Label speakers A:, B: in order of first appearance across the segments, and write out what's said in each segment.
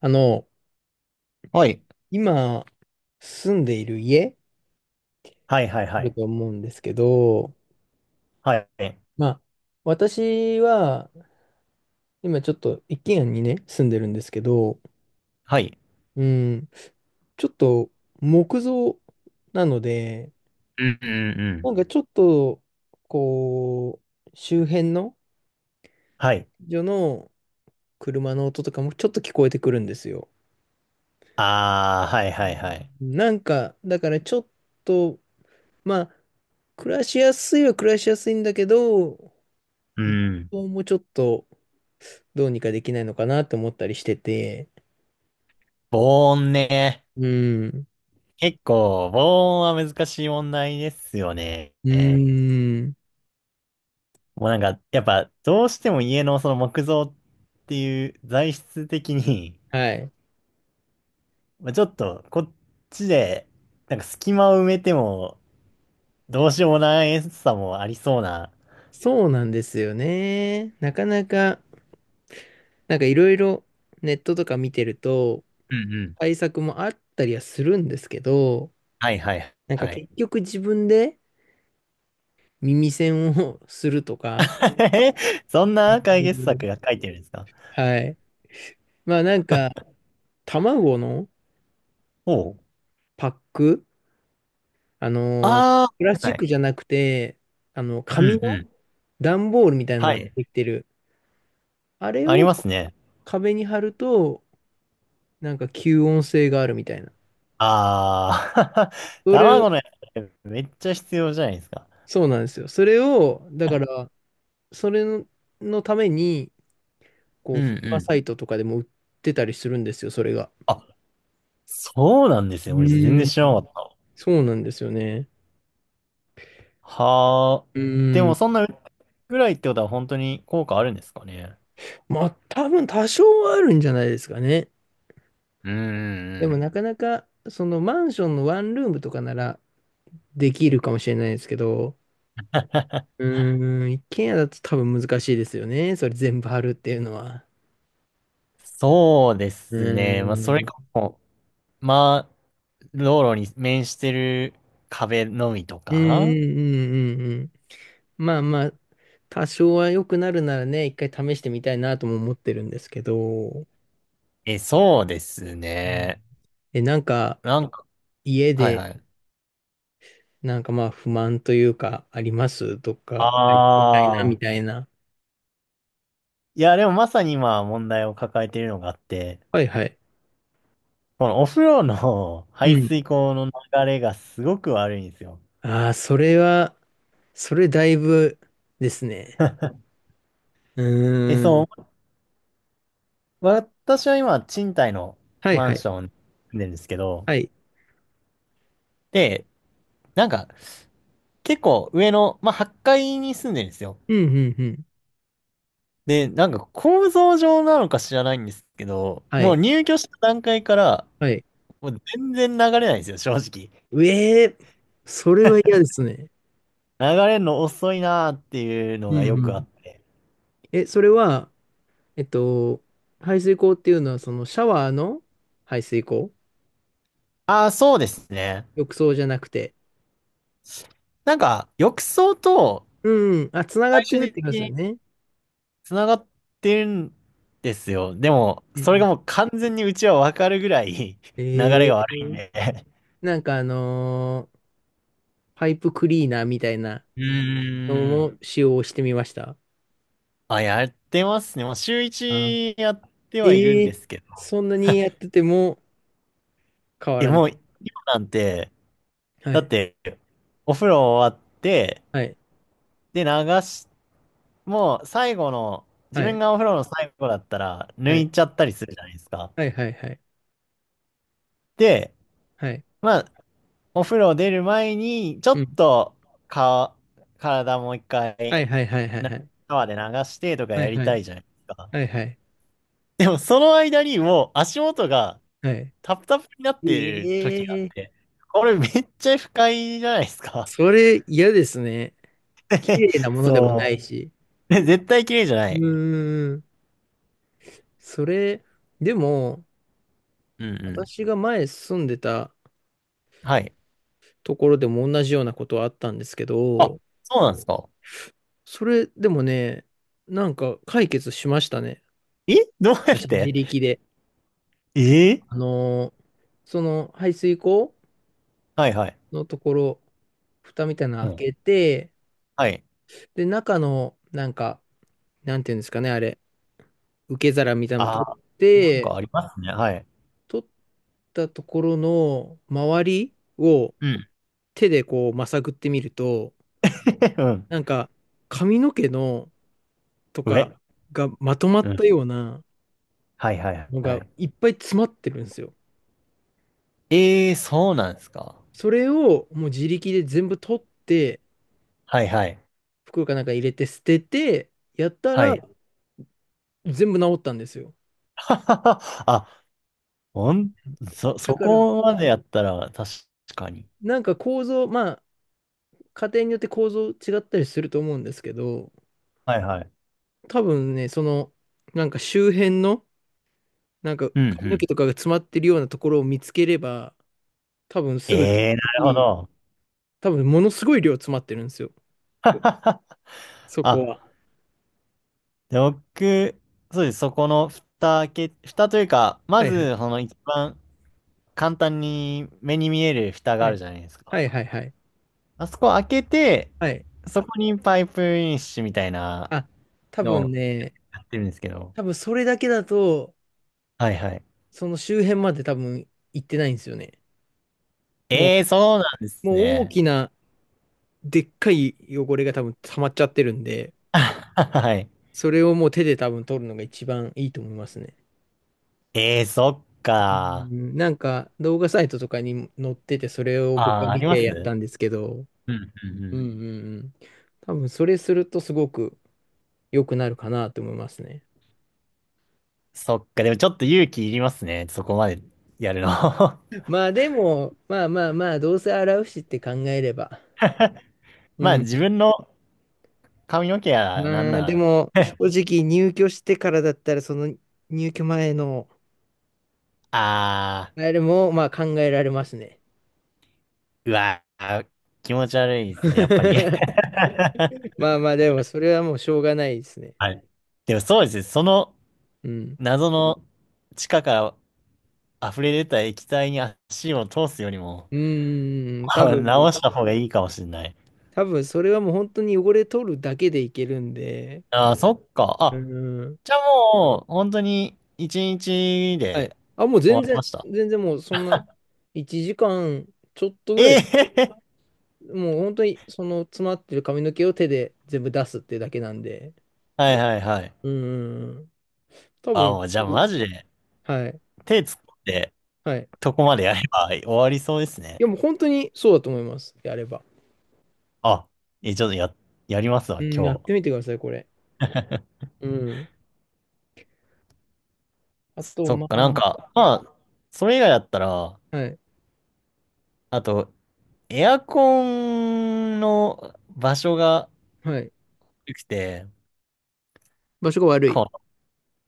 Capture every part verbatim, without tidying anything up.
A: あの、
B: はい。
A: 今住んでいる家
B: はいはいは
A: だ
B: い。
A: と思うんですけど、
B: はい。
A: まあ、私は今ちょっと一軒家にね、住んでるんですけど、
B: はい。
A: うん、ちょっと木造なので、
B: うんうんう
A: な
B: ん、
A: んかちょっと、こう、周辺の、
B: はい。
A: 女の車の音とかもちょっと聞こえてくるんですよ。
B: あー、はいはいはい。
A: なんか、だからちょっと、まあ、暮らしやすいは暮らしやすいんだけど、
B: うん。うん。
A: 僕もちょっと、どうにかできないのかなって思ったりしてて。
B: 防音ね。
A: うん。
B: 結構、防音は難しい問題ですよね。
A: うーん。
B: もうなんか、やっぱ、どうしても家のその木造っていう材質的に、
A: はい。
B: まあちょっと、こっちで、なんか隙間を埋めても、どうしようもないさもありそうな。
A: そうなんですよね。なかなか、なんかいろいろネットとか見てると、
B: うんうん。
A: 対策もあったりはするんですけど、
B: はいはい
A: なんか
B: はい。
A: 結局自分で耳栓を するとか、
B: え、そん
A: う
B: な解決
A: ん。
B: 策が書いてるんですか？
A: はい。まあなんか、卵の
B: おう。
A: パック、あのー
B: あ
A: プラス
B: あ、
A: チッ
B: はい。
A: クじゃなくて、あの、
B: う
A: 紙
B: んう
A: の
B: ん。
A: 段ボールみたいな
B: は
A: ので
B: い。
A: できてるあれ
B: あり
A: を
B: ますね。
A: 壁に貼ると、なんか吸音性があるみたいな。
B: ああ、
A: それ、
B: 卵のやつめっちゃ必要じゃないですか。
A: そうなんですよ。それを、だから、それの、のために、こ
B: う
A: う、
B: ん
A: フリ
B: う
A: マ
B: ん。
A: サイトとかでも売ってたりするんですよ、それが。
B: あ、そうなんです
A: う
B: よ。俺全
A: ー
B: 然
A: ん。
B: 知らなかった。
A: そうなんですよね。
B: はあ。
A: う
B: で
A: ー
B: も
A: ん。
B: そんなぐらいってことは本当に効果あるんですかね？
A: まあ、多分多少はあるんじゃないですかね。
B: うんうん
A: で
B: う
A: も、
B: ん。
A: なかなか、そのマンションのワンルームとかならできるかもしれないですけど、うーん、一軒家だと多分難しいですよね。それ全部貼るっていうのは。
B: そうで
A: う
B: すね。まあ、それ
A: ーん。
B: かも。まあ、道路に面してる壁のみと
A: うんう
B: か。
A: んうんうんうん。まあまあ、多少は良くなるならね、一回試してみたいなとも思ってるんですけど、
B: え、そうです
A: うん。
B: ね。
A: え、なんか
B: なんか、
A: 家
B: はい
A: で、
B: はい。
A: なんかまあ不満というかありますと
B: あ
A: か、みたいな、み
B: あ。
A: たいな。
B: いや、でもまさに今問題を抱えているのがあって、
A: はいはい。
B: このお風呂の
A: う
B: 排
A: ん。
B: 水口の流れがすごく悪いんですよ。
A: ああ、それは、それだいぶですね。う
B: え、
A: ー
B: そ
A: ん。
B: う、私は今賃貸の
A: はい
B: マ
A: は
B: ン
A: い。
B: ションに住んでるんですけど、
A: はい。
B: で、なんか結構上の、まあはちかいに住んでるんですよ。
A: うんうんうん。
B: で、なんか構造上なのか知らないんですけど、
A: は
B: もう
A: い。
B: 入居した段階から、
A: はい。
B: もう全然流れないんですよ、正直。
A: うえー、それは嫌ですね。
B: 流れるの遅いなーっていうの
A: う
B: が
A: ん
B: よ
A: う
B: くあっ
A: ん。
B: て。
A: え、それは、えっと、排水口っていうのは、そのシャワーの排水口、
B: ああ、そうですね。
A: 浴槽じゃなくて。
B: なんか、浴槽と
A: うんうん。あ、つながって
B: 最
A: るって
B: 終
A: 言い
B: 的
A: ますよ
B: に
A: ね。
B: 繋がってるんですよ。でも、
A: うん
B: そ
A: う
B: れが
A: ん。
B: もう完全にうちはわかるぐらい 流れ
A: え
B: が悪
A: え。
B: いんで。
A: なんかあのーパイプクリーナーみたいな
B: う
A: の
B: ーん。
A: も使用してみました。
B: あ、やってますね。もう週
A: あ、
B: 一やってはいるん
A: え
B: で
A: え。
B: すけど。
A: そんなにやってても変わ
B: え、
A: らな
B: もう、
A: い。
B: 今なんて、
A: は
B: だっ
A: い。
B: て、お風呂終わって、
A: はい。
B: で、流し、もう最後の、自
A: は
B: 分
A: い。
B: がお風呂の最後だったら、
A: は
B: 抜
A: い。
B: いちゃったりするじゃないですか。
A: はい。はい。はい。
B: で、
A: はい。
B: まあ、お風呂出る前に、ちょ
A: う
B: っ
A: ん。
B: と、か、体もう一
A: は
B: 回、
A: い。はい。はい。は
B: な、
A: い。
B: 川で流してとか
A: はい。
B: やり
A: は
B: た
A: い。
B: いじゃないですか。
A: はい。はい。
B: でも、その間にもう足元が
A: は
B: タプタプになってる時があ
A: い。え
B: っ
A: え。
B: て、これめっちゃ不快じゃないですか。
A: それ嫌ですね。綺麗な ものでもな
B: そ
A: いし。
B: う。で絶対綺麗じゃな
A: う
B: い。
A: ーん。それ、でも、
B: うんうん。
A: 私が前住んでた
B: はい。
A: ところでも同じようなことはあったんですけ
B: あ、
A: ど、
B: そうなんですか。
A: それでもね、なんか解決しましたね。
B: え、どうやっ
A: 私自
B: て？
A: 力で。
B: ええ、
A: あのーその排水溝
B: はいはい。
A: のところ、蓋みたいなの
B: うん。
A: 開けて、
B: はい。
A: で、中の、なんか、なんていうんですかね、あれ、受け皿みたいなの
B: あ
A: 取っ
B: あ、なんか
A: て、
B: ありますね。はい。
A: 取ったところの周りを
B: うん。
A: 手でこうまさぐってみると、
B: うん。
A: なんか髪の毛のと
B: 上。
A: かがまとま
B: う
A: っ
B: ん。
A: たような
B: はいはい
A: の
B: は
A: が
B: い。
A: いっぱい詰まってるんですよ。
B: ええ、そうなんですか。
A: それをもう自力で全部取って、
B: はいはい。
A: 袋かなんか入れて捨てて、やった
B: は
A: ら
B: い。
A: 全部治ったんですよ。
B: あ、ほん、そ、そ
A: だから、
B: こまでやったら確かに。
A: なんか構造、まあ、家庭によって構造違ったりすると思うんですけど、
B: はいはい。
A: 多分ね、その、なんか周辺のなんか
B: うんう
A: 髪の毛
B: ん。
A: とかが詰まってるようなところを見つければ、多分すぐ取
B: ええ、
A: る
B: なるほ
A: し、
B: ど。
A: 多分ものすごい量詰まってるんですよ、そこ
B: あ、
A: は。
B: で、僕、そうです。そこの蓋開け、蓋というか、ま
A: はいはい。
B: ず、その一番簡単に目に見える蓋が
A: は
B: ある
A: い。
B: じゃないですか。
A: はいはいはい。
B: あそこ開けて、
A: はい。
B: そこにパイプインシュみたいな
A: あ、多
B: の
A: 分
B: を
A: ね、
B: やってるんですけど。
A: 多分それだけだと、
B: はいはい。
A: その周辺まで多分行ってないんですよね。も
B: ええー、そうなんで
A: う、
B: す
A: もう大
B: ね。
A: きな、でっかい汚れが多分溜まっちゃってるんで、
B: はい。
A: それをもう手で多分取るのが一番いいと思いますね。
B: ええー、そっ
A: う
B: か。
A: ん、なんか動画サイトとかに載ってて、それを
B: あ
A: 僕は
B: あ、あ
A: 見
B: りま
A: て
B: す
A: やっ
B: う
A: たんですけど、
B: んうんう
A: うんう
B: ん。
A: んうん。多分それするとすごく良くなるかなと思いますね。
B: そっか。でもちょっと勇気いりますね。そこまでやるの。
A: まあでも、まあまあまあ、どうせ洗うしって考えれば。う
B: まあ自
A: ん。
B: 分の髪の毛や
A: ま
B: なん
A: あで
B: な
A: も、
B: ら。
A: 正 直入居してからだったら、その入居前の
B: ああ、
A: あれもまあ考えられますね。
B: うわー、気持ち悪いですね、やっぱり。
A: まあまあでも、それはもうしょうがないですね。
B: はい。でもそうですね。その
A: うん。
B: 謎の地下から溢れ出た液体に足を通すよりも、
A: うーん、多
B: あ、
A: 分、
B: 直した方がいいかもしれない。
A: 多分それはもう本当に汚れ取るだけでいけるんで。
B: ああ、そっか。
A: う
B: あ、
A: ん。
B: じゃあもう、本当に一日
A: はい。
B: で
A: あ、もう
B: 終わ
A: 全
B: りま
A: 然、
B: した？
A: 全然もうそんな、いちじかんちょっとぐらい、
B: ええ。
A: もう本当にその詰まってる髪の毛を手で全部出すっていうだけなんで、
B: はいはいはい。
A: うん、多
B: あ、も
A: 分
B: うじ
A: す
B: ゃあ
A: ぐ、
B: マジで
A: はい、
B: 手突っ込んで、
A: はい。
B: とこまでやれば終わりそうです
A: い
B: ね。
A: や、もう本当にそうだと思います、やれば。
B: あ、え、ちょっとや、やりますわ、
A: うん、や
B: 今
A: っ
B: 日。
A: てみてください、これ。うん。あと、
B: そっ
A: ま
B: か、なん
A: あ、
B: か、まあ、それ以外だったら、
A: はい、
B: あと、エアコンの場所が
A: はい。
B: 良くて、
A: 場所が悪い。
B: こう、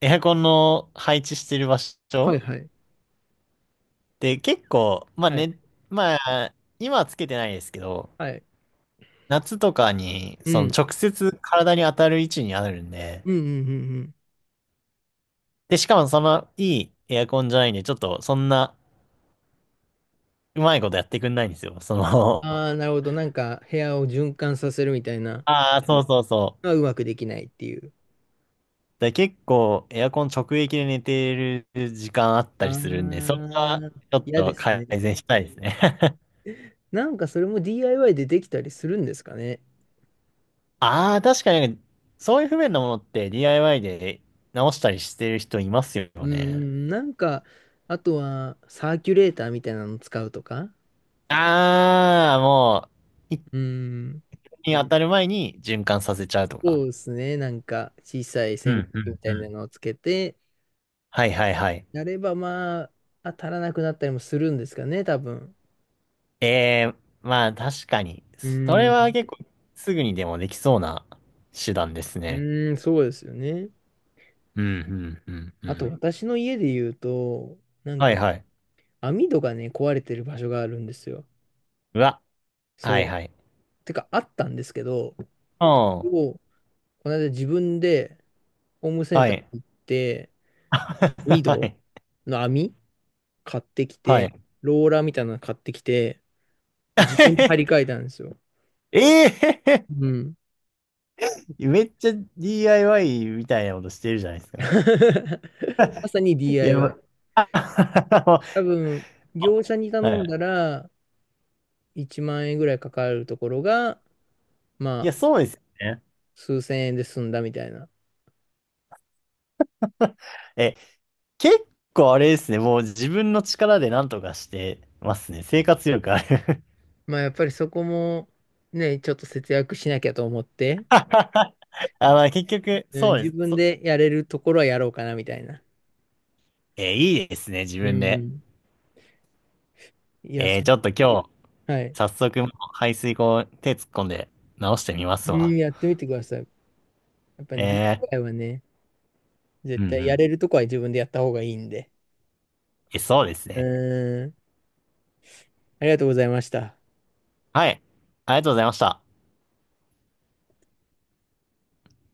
B: エアコンの配置してる場所
A: はい、はい、
B: で結構、まあ
A: はい、
B: ね、まあ、今はつけてないですけど、
A: はい。
B: 夏とかに、
A: う
B: その
A: ん、
B: 直接体に当たる位置にあるんで、
A: うん、うん、うん。うん。
B: で、しかもそのいいエアコンじゃないんで、ちょっとそんなうまいことやってくんないんですよ。その、
A: ああー、なる ほど。なんか、部屋を循環させるみたいな、
B: ああ、そうそうそう。
A: がうまくできないっていう。
B: で、結構エアコン直撃で寝てる時間あっ
A: あ
B: たりするんで、それは
A: あ、
B: ちょっ
A: 嫌で
B: と
A: す
B: 改
A: ね。
B: 善したいですね。
A: なんかそれも ディーアイワイ でできたりするんですかね。
B: ああ、確かに、そういう不便なものって ディーアイワイ で直したりしてる人いますよ
A: うー
B: ね。
A: ん、なんか、あとはサーキュレーターみたいなの使うとか。
B: ああ、もう、一
A: うーん、
B: 気に当たる前に循環させちゃうとか。
A: そうですね。なんか小さい扇
B: う
A: 風
B: んう
A: 機み
B: ん
A: た
B: う
A: い
B: ん、
A: なのをつけて、
B: はいはいはい。
A: やればまあ、当たらなくなったりもするんですかね、多分。
B: ええ、まあ確かに、
A: う
B: そ
A: ー
B: れは
A: ん、
B: 結構すぐにでもできそうな手段です
A: う
B: ね。
A: ーん、そうですよね。
B: うんうんうんう
A: あと
B: ん。
A: 私の家で言うと、なん
B: はい
A: か
B: はい。
A: 網戸がね、壊れてる場所があるんですよ。
B: うわ。は
A: そ
B: い
A: う。
B: はい。
A: てか、あったんですけど、
B: うん。
A: を、この間自分でホームセン
B: は
A: ター
B: い。
A: に行って、網
B: は
A: 戸
B: い。
A: の網買ってき
B: は
A: て、
B: い。
A: ローラーみたいなの買ってきて、自分で張り替 えたんですよ。
B: ええ、
A: うん。
B: めっちゃ ディーアイワイ みたいなことしてるじゃないですか。
A: まさに
B: いや、
A: ディーアイワイ。
B: まあ、
A: 多分、業者に
B: は
A: 頼ん
B: い。
A: だらいちまん円ぐらいかかるところが、
B: いや、
A: まあ、
B: そうですよね。
A: すうせんえんで済んだみたいな。
B: え、結構あれですね。もう自分の力で何とかしてますね。生活力ある。
A: まあ、やっぱりそこもね、ちょっと節約しなきゃと思って、
B: あ、まあ、結局、
A: うん、
B: そうで
A: 自
B: す。
A: 分
B: そ、
A: でやれるところはやろうかなみたいな。
B: え、いいですね。自
A: う
B: 分で。
A: ん。いや、
B: えー、
A: そ
B: ちょ
A: う。
B: っと今日、
A: はい。
B: 早速、排水口手突っ込んで直してみま
A: う
B: すわ。
A: ん、やってみてください。やっぱ
B: ええ、
A: ディーアイワイ はね、
B: う
A: 絶
B: んう
A: 対や
B: ん。
A: れるとこは自分でやった方がいいんで。
B: え、そうですね。
A: うん。ありがとうございました。
B: はい。ありがとうございました。